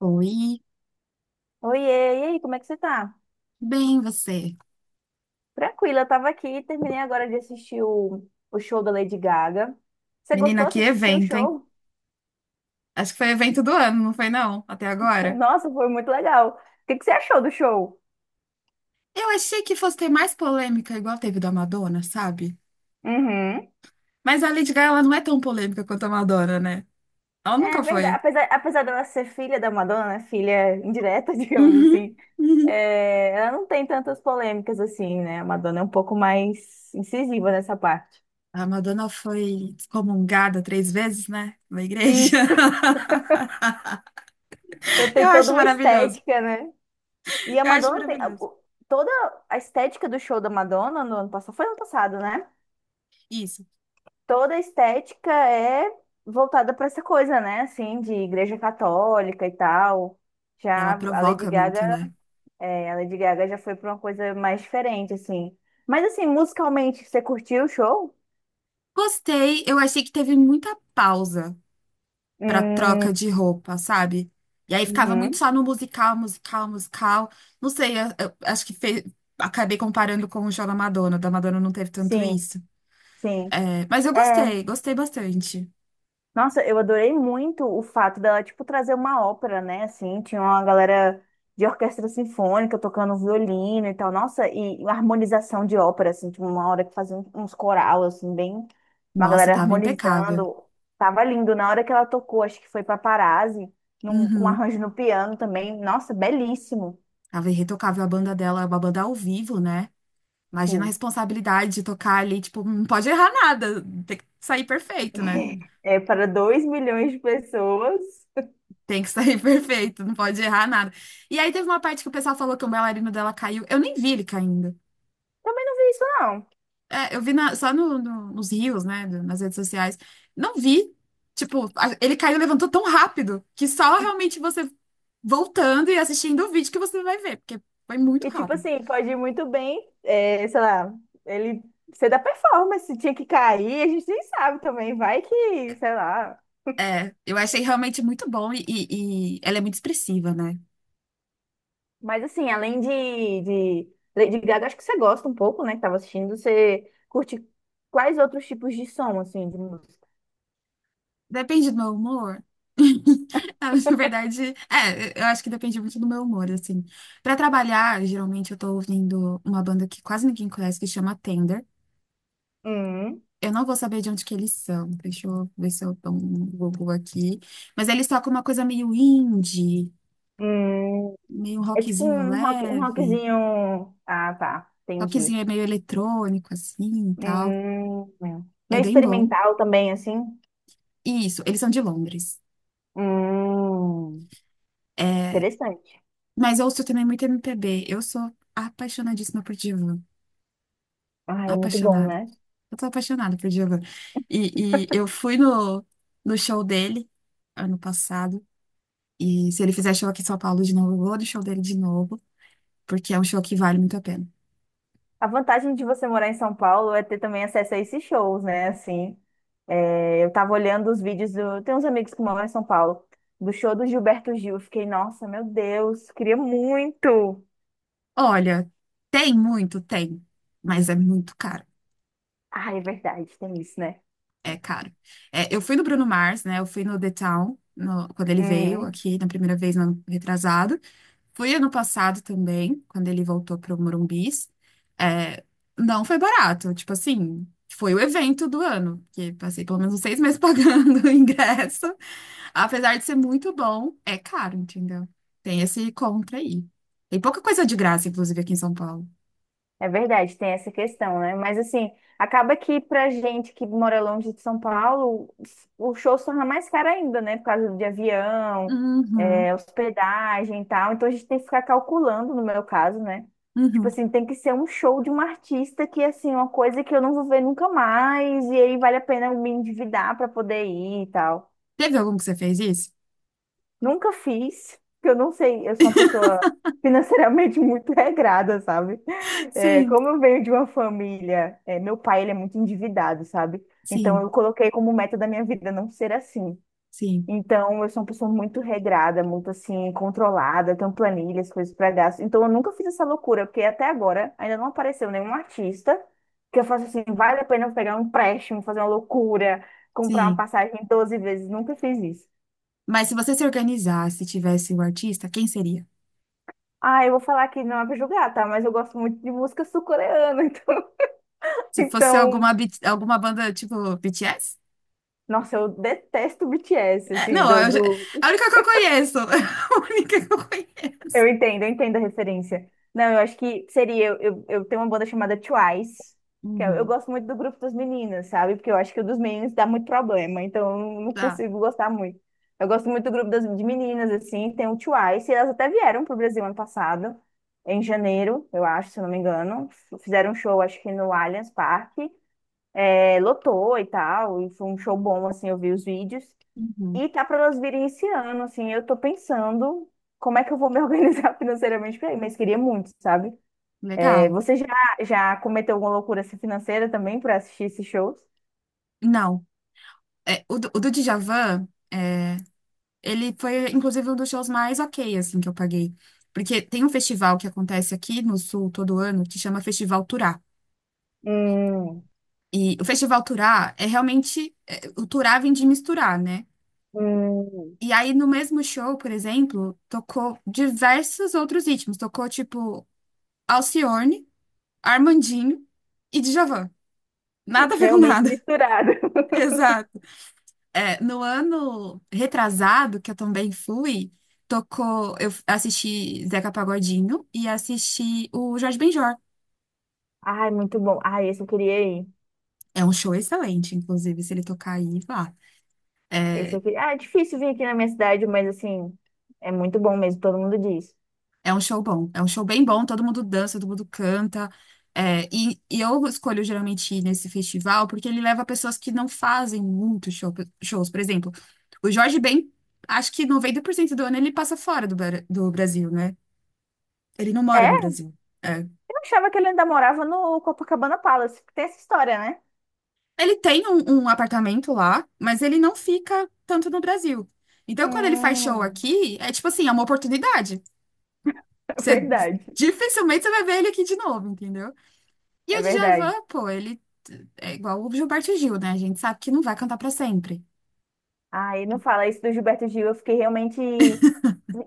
Oi, Oiê, e aí, como é que você tá? bem você. Tranquila, eu tava aqui, terminei agora de assistir o show da Lady Gaga. Você Menina, gostou? Você que assistiu o evento, hein? show? Acho que foi evento do ano, não foi não? Até agora. Nossa, foi muito legal. O que que você achou do show? Eu achei que fosse ter mais polêmica igual teve da Madonna, sabe? Uhum. Mas a Lady Gaga, ela não é tão polêmica quanto a Madonna, né? Ela É nunca verdade, foi. apesar dela ser filha da Madonna, né, filha indireta, digamos Uhum, assim, uhum. Ela não tem tantas polêmicas assim, né? A Madonna é um pouco mais incisiva nessa parte. A Madonna foi excomungada 3 vezes, né? Na igreja. Isso, então Eu tem toda acho uma maravilhoso. estética, né? E a Eu acho Madonna tem. Maravilhoso. Toda a estética do show da Madonna no ano passado, foi ano passado, né? Isso. Toda a estética é voltada para essa coisa, né? Assim, de igreja católica e tal. Ela Já a Lady provoca Gaga, muito, né? A Lady Gaga já foi para uma coisa mais diferente, assim. Mas assim, musicalmente, você curtiu o show? Gostei, eu achei que teve muita pausa pra Hum, troca de roupa, sabe? E aí ficava muito uhum, só no musical, musical, musical. Não sei, eu acho que acabei comparando com o show da Madonna. O Da Madonna não teve tanto sim, isso. sim. É, mas eu É. gostei, gostei bastante. Nossa, eu adorei muito o fato dela, tipo, trazer uma ópera, né? Assim, tinha uma galera de orquestra sinfônica tocando violino e tal. Nossa, e harmonização de ópera, assim, tipo, uma hora que fazia uns coral, assim, bem... Uma Nossa, galera tava impecável. harmonizando. Tava lindo. Na hora que ela tocou, acho que foi Paparazzi, num, com Uhum. arranjo no piano também. Nossa, belíssimo. Tava irretocável a banda dela, é uma banda ao vivo, né? Imagina a Sim. responsabilidade de tocar ali, tipo, não pode errar nada, tem que sair perfeito, né? É para dois milhões de pessoas. Tem que sair perfeito, não pode errar nada. E aí teve uma parte que o pessoal falou que o bailarino dela caiu. Eu nem vi ele caindo. Também não vi isso, não. É, eu vi só nos rios, né, nas redes sociais. Não vi. Tipo, ele caiu e levantou tão rápido que só realmente você voltando e assistindo o vídeo que você vai ver, porque foi muito E tipo rápido. assim, pode ir muito bem, sei lá, ele ser da performance, tinha que cair, a gente nem sabe também, vai que, sei lá. É, eu achei realmente muito bom e ela é muito expressiva, né? Mas assim, além de Lady Gaga, acho que você gosta um pouco, né, que tava assistindo, você curte quais outros tipos de som, assim, de música? Depende do meu humor. Na verdade, é, eu acho que depende muito do meu humor, assim. Pra trabalhar, geralmente eu tô ouvindo uma banda que quase ninguém conhece, que chama Tender. Hum, Eu não vou saber de onde que eles são. Deixa eu ver se eu dou um Google aqui. Mas eles tocam uma coisa meio indie, hum, meio É tipo rockzinho um rock, um leve. rockzinho. Ah, tá, entendi. Rockzinho é meio eletrônico, assim, e tal. Hum, É meio bem bom. experimental também, assim, E isso, eles são de Londres. hum, É, interessante. mas eu ouço também muito MPB. Eu sou apaixonadíssima por Djavan. Ah, é muito bom, Apaixonada. né? Eu tô apaixonada por Djavan. E eu fui no show dele ano passado. E se ele fizer show aqui em São Paulo de novo, eu vou no show dele de novo, porque é um show que vale muito a pena. A vantagem de você morar em São Paulo é ter também acesso a esses shows, né? Assim, eu tava olhando os vídeos do. Tem uns amigos que moram em São Paulo, do show do Gilberto Gil. Eu fiquei, nossa, meu Deus, queria muito. Olha, tem muito, tem, mas é muito caro. Ah, é verdade, tem isso, né? É caro. É, eu fui no Bruno Mars, né? Eu fui no The Town, quando ele veio Uhum. aqui na primeira vez, no ano retrasado. Fui ano passado também, quando ele voltou pro Morumbis. É, não foi barato, tipo assim, foi o evento do ano, que passei pelo menos uns 6 meses pagando o ingresso. Apesar de ser muito bom, é caro, entendeu? Tem esse contra aí. Tem pouca coisa de graça, inclusive, aqui em São Paulo. É verdade, tem essa questão, né? Mas assim, acaba que pra gente que mora longe de São Paulo, o show se torna mais caro ainda, né? Por causa de avião, Uhum, hospedagem e tal. Então a gente tem que ficar calculando, no meu caso, né? Tipo uhum. assim, tem que ser um show de um artista que, assim, uma coisa que eu não vou ver nunca mais, e aí vale a pena eu me endividar pra poder ir e tal. Teve algum que você fez isso? Nunca fiz, porque eu não sei, eu sou uma pessoa financeiramente muito regrada, sabe? Sim. Como eu venho de uma família, meu pai, ele é muito endividado, sabe? Então Sim, eu coloquei como meta da minha vida não ser assim. sim, Então eu sou uma pessoa muito regrada, muito assim, controlada, eu tenho planilhas, coisas para gasto. Então eu nunca fiz essa loucura, porque até agora ainda não apareceu nenhum artista que eu faça assim, vale a pena eu pegar um empréstimo, fazer uma loucura, comprar uma sim. passagem 12 vezes, nunca fiz isso. Mas se você se organizasse e tivesse o artista, quem seria? Ah, eu vou falar que não é pra julgar, tá? Mas eu gosto muito de música sul-coreana, então, Se fosse alguma, então, alguma banda tipo BTS? nossa, eu detesto BTS, É, assim, não, a única que eu conheço. A única que eu conheço. eu entendo, eu entendo a referência. Não, eu acho que seria, eu tenho uma banda chamada Twice, que eu Uhum. gosto muito do grupo das meninas, sabe? Porque eu acho que o dos meninos dá muito problema, então eu não Tá. consigo gostar muito. Eu gosto muito do grupo das, de meninas, assim, tem o Twice, e elas até vieram pro Brasil ano passado, em janeiro, eu acho, se eu não me engano. Fizeram um show, acho que no Allianz Parque. Lotou e tal, e foi um show bom, assim, eu vi os vídeos. Uhum. E tá para nós virem esse ano, assim, eu tô pensando como é que eu vou me organizar financeiramente pra ir, mas queria muito, sabe? É, Legal. você já, já cometeu alguma loucura assim, financeira também para assistir esses shows? Não. É, o do Djavan, é, ele foi, inclusive, um dos shows mais ok, assim, que eu paguei. Porque tem um festival que acontece aqui no Sul todo ano que chama Festival Turá. Hum, E o Festival Turá é realmente. O Turá vem de misturar, né? hum, E aí, no mesmo show, por exemplo, tocou diversos outros ritmos. Tocou, tipo, Alcione, Armandinho e Djavan. Nada a ver com realmente nada. misturado. Exato. É, no ano retrasado, que eu também fui, tocou. Eu assisti Zeca Pagodinho e assisti o Jorge Benjor. Ai, muito bom. Ai, esse eu queria ir. É um show excelente, inclusive, se ele tocar aí, vá. Esse É, eu queria... Ah, é difícil vir aqui na minha cidade, mas assim, é muito bom mesmo, todo mundo diz. É, um show bom, é um show bem bom, todo mundo dança, todo mundo canta. É, e eu escolho geralmente ir nesse festival porque ele leva pessoas que não fazem muito shows. Por exemplo, o Jorge Ben, acho que 90% do ano ele passa fora do Brasil, né? Ele não mora É? no Brasil. É. Achava que ele ainda morava no Copacabana Palace. Tem essa história, né? Ele tem um apartamento lá, mas ele não fica tanto no Brasil. Então, quando ele faz show Hum, aqui, é tipo assim, é uma oportunidade. é Você, verdade. dificilmente você vai ver ele aqui de novo, entendeu? E É o verdade. Djavan, pô, ele é igual o Gilberto Gil, né? A gente sabe que não vai cantar pra sempre. Aí não fala isso do Gilberto Gil. Eu fiquei realmente.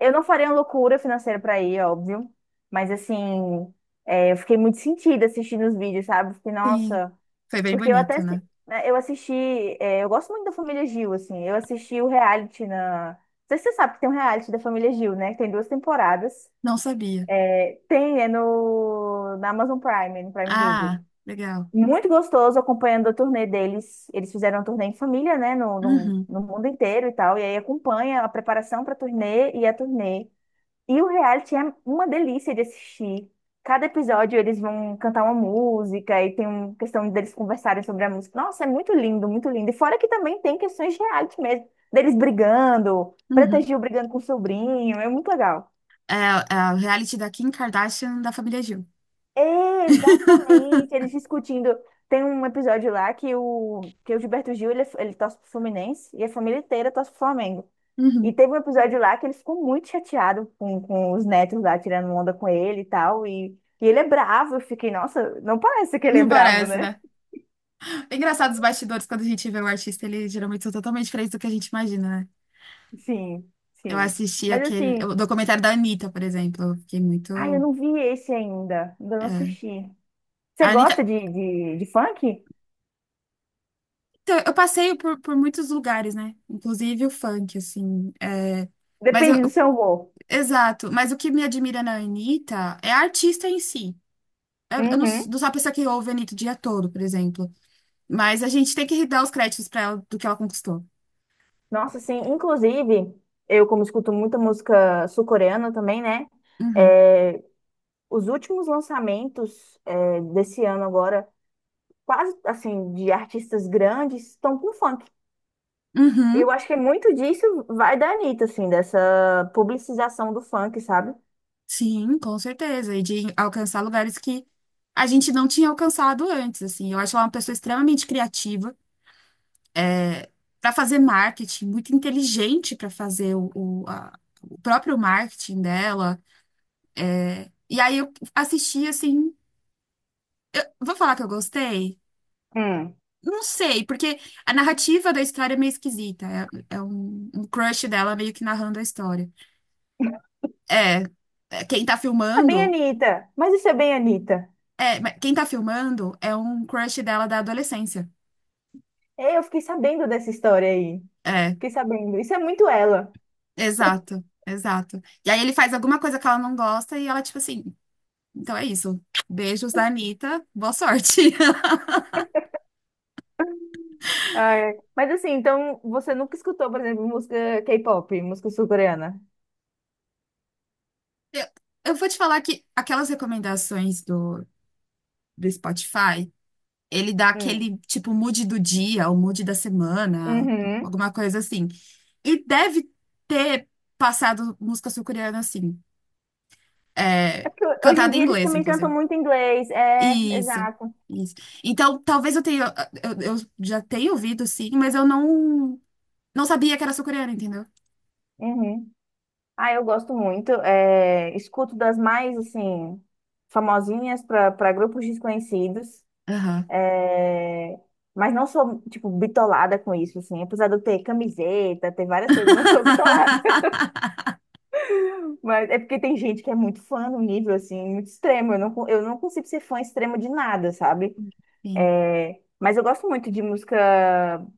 Eu não faria uma loucura financeira pra ir, óbvio. Mas assim, eu fiquei muito sentida assistindo os vídeos, sabe? Fiquei, Sim. nossa. Foi bem Porque eu até. bonito, né? Eu assisti. Eu gosto muito da família Gil, assim. Eu assisti o reality na. Não sei se você sabe que tem um reality da família Gil, né? Que tem duas temporadas. Não sabia. Tem, é na Amazon Prime, no Prime Video. Ah, legal. Muito gostoso acompanhando a turnê deles. Eles fizeram a turnê em família, né, Uhum, no mundo inteiro e tal. E aí acompanha a preparação para a turnê. E o reality é uma delícia de assistir. Cada episódio eles vão cantar uma música e tem uma questão deles conversarem sobre a música. Nossa, é muito lindo, muito lindo. E fora que também tem questões de reality mesmo, deles brigando, Preta uhum. Gil brigando com o sobrinho. É muito legal. É, é o reality da Kim Kardashian da família Gil. É, exatamente. Eles discutindo. Tem um episódio lá que o Gilberto Gil, ele torce pro Fluminense e a família inteira torce pro Flamengo. E Uhum. teve um episódio lá que ele ficou muito chateado com os netos lá tirando onda com ele e tal. E ele é bravo. Eu fiquei, nossa, não parece que ele é Não bravo, parece, né? né? É engraçado os bastidores, quando a gente vê o artista, eles geralmente são totalmente diferentes do que a gente imagina, né? Sim, Eu sim. assisti Mas aquele, assim, o documentário da Anitta, por exemplo. Eu fiquei ai, eu muito. não vi esse ainda. Ainda não É. assisti. A Você Anitta, gosta de funk? Então, eu passeio por muitos lugares, né? Inclusive o funk, assim. Mas eu, Depende do eu- seu humor. Exato. Mas o que me admira na Anitta é a artista em si. Eu não, s- Uhum. não sou a pessoa que ouve a Anitta o dia todo, por exemplo. Mas a gente tem que dar os créditos pra ela do que ela conquistou. Nossa, sim. Inclusive, eu como escuto muita música sul-coreana também, né? Uhum. É, os últimos lançamentos desse ano agora, quase assim, de artistas grandes, estão com funk. E eu Uhum. acho que muito disso vai da Anitta, assim, dessa publicização do funk, sabe? Sim, com certeza. E de alcançar lugares que a gente não tinha alcançado antes, assim. Eu acho ela uma pessoa extremamente criativa para fazer marketing, muito inteligente para fazer o próprio marketing dela. E aí eu assisti assim, vou falar que eu gostei? Hum. Não sei, porque a narrativa da história é meio esquisita. É, é um crush dela meio que narrando a história. É, é, quem tá É bem filmando, Anitta, mas isso é bem Anitta. é, Mas quem tá filmando é um crush dela da adolescência. Eu fiquei sabendo dessa história aí. É, Fiquei sabendo. Isso é muito ela. exato, exato. E aí ele faz alguma coisa que ela não gosta e ela, tipo assim, então é isso. Beijos da Anitta, boa sorte. Ah, é. Mas assim, então você nunca escutou, por exemplo, música K-pop, música sul-coreana? Eu eu vou te falar que aquelas recomendações do Spotify, ele dá Hum. aquele tipo mood do dia, o mood da semana, Uhum. alguma coisa assim. E deve ter passado música sul-coreana assim, É é, porque hoje em cantada em dia eles inglês, também cantam inclusive. muito inglês. É, Isso, exato. isso. Então, talvez eu tenha, eu já tenha ouvido sim, mas eu não sabia que era sul-coreana, entendeu? Uhum. Ah, eu gosto muito. Escuto das mais, assim, famosinhas para grupos desconhecidos. Aham. é, Mas não sou, tipo, bitolada com isso, assim. Apesar de eu ter camiseta, ter várias coisas, não sou bitolada. Mas é porque tem gente que é muito fã no nível, assim, muito extremo. Eu não, eu não consigo ser fã extremo de nada, sabe? Sim, É, mas eu gosto muito de música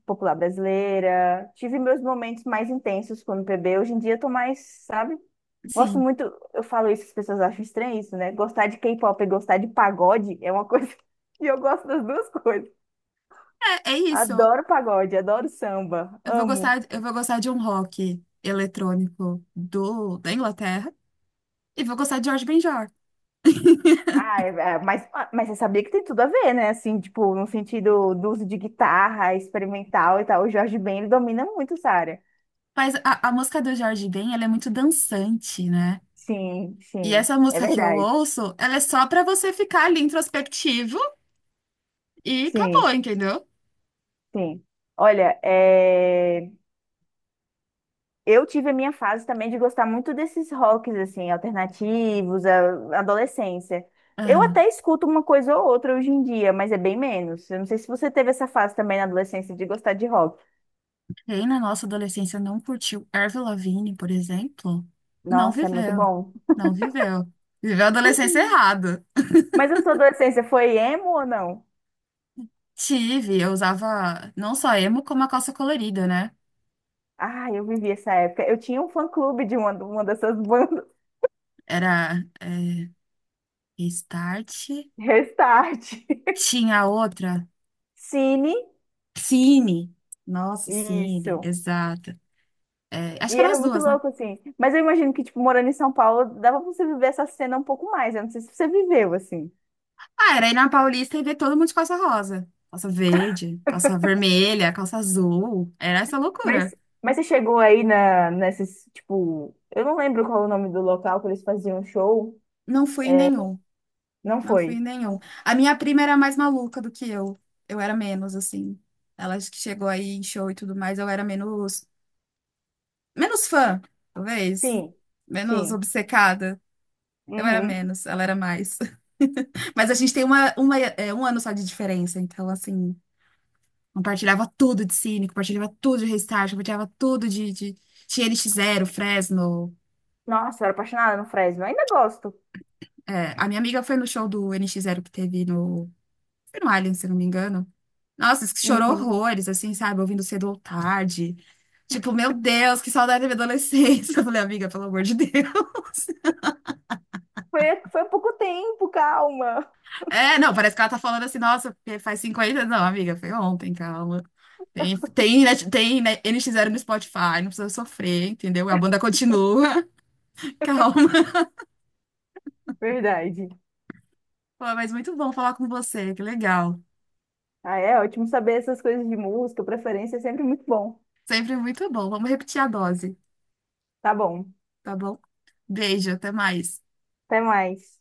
popular brasileira. Tive meus momentos mais intensos com o MPB. Hoje em dia eu tô mais, sabe? Gosto sim. muito, eu falo isso, as pessoas acham estranho isso, né? Gostar de K-pop e gostar de pagode é uma coisa que eu gosto das duas coisas. É isso. Adoro pagode, adoro samba, amo. Eu vou gostar de um rock eletrônico da Inglaterra e vou gostar de Jorge Benjor. Ah, mas, ah, mas você sabia que tem tudo a ver, né? Assim, tipo, no sentido do uso de guitarra experimental e tal. O Jorge Ben, ele domina muito essa área. Mas a música do Jorge Ben, ela é muito dançante, né? Sim, E sim, essa é música que eu verdade. ouço, ela é só pra você ficar ali introspectivo e acabou, Sim, entendeu? sim. Olha, eu tive a minha fase também de gostar muito desses rocks, assim, alternativos, adolescência. Eu Aham. até escuto uma coisa ou outra hoje em dia, mas é bem menos. Eu não sei se você teve essa fase também na adolescência de gostar de rock. Quem na nossa adolescência não curtiu Avril Lavigne, por exemplo, não Nossa, é muito viveu. bom. Não viveu. Viveu a adolescência errado. Mas a sua adolescência foi emo ou não? Tive, eu usava não só emo, como a calça colorida, né? Ah, eu vivi essa época. Eu tinha um fã-clube de uma dessas bandas. Era. Restart. Restart. Tinha outra. Cine. Cine. Nossa, Cine. Isso. Exato. É, acho E que eram era as muito duas, né? louco, assim. Mas eu imagino que, tipo, morando em São Paulo, dava pra você viver essa cena um pouco mais. Eu não sei se você viveu, assim. Ah, era ir na Paulista e ver todo mundo de calça rosa. Calça verde, calça vermelha, calça azul. Era essa Mas, loucura. mas você chegou aí na, nesses, tipo... Eu não lembro qual é o nome do local que eles faziam show. Não fui em nenhum. Não Não fui em foi? nenhum. A minha prima era mais maluca do que eu. Eu era menos, assim. Ela acho que chegou aí em show e tudo mais. Eu era menos... Menos fã, talvez. Sim. Menos Sim. obcecada. Eu era Uhum. menos. Ela era mais. Mas a gente tem um ano só de diferença, então, assim, compartilhava tudo de Cine, compartilhava tudo de Restart, compartilhava tudo de... Tinha NX Zero, Fresno. Nossa, eu era apaixonada no Fresno. Ainda gosto. É, a minha amiga foi no show do N NX Zero que teve no... Foi no Alien se não me engano. Nossa, chorou Uhum. horrores, assim, sabe? Ouvindo cedo ou tarde. Tipo, meu Deus, que saudade da minha adolescência. Eu falei, amiga, pelo amor de Deus. Foi, foi há pouco tempo, calma. É, não, parece que ela tá falando assim, nossa, porque faz 50. Não, amiga, foi ontem, calma. Tem, né, NX0 no Spotify, não precisa sofrer, entendeu? A banda continua. Calma. Verdade. Pô, mas muito bom falar com você, que legal. Ah, é ótimo saber essas coisas de música, preferência é sempre muito bom. Sempre muito bom. Vamos repetir a dose, Tá bom. tá bom? Beijo, até mais. Até mais.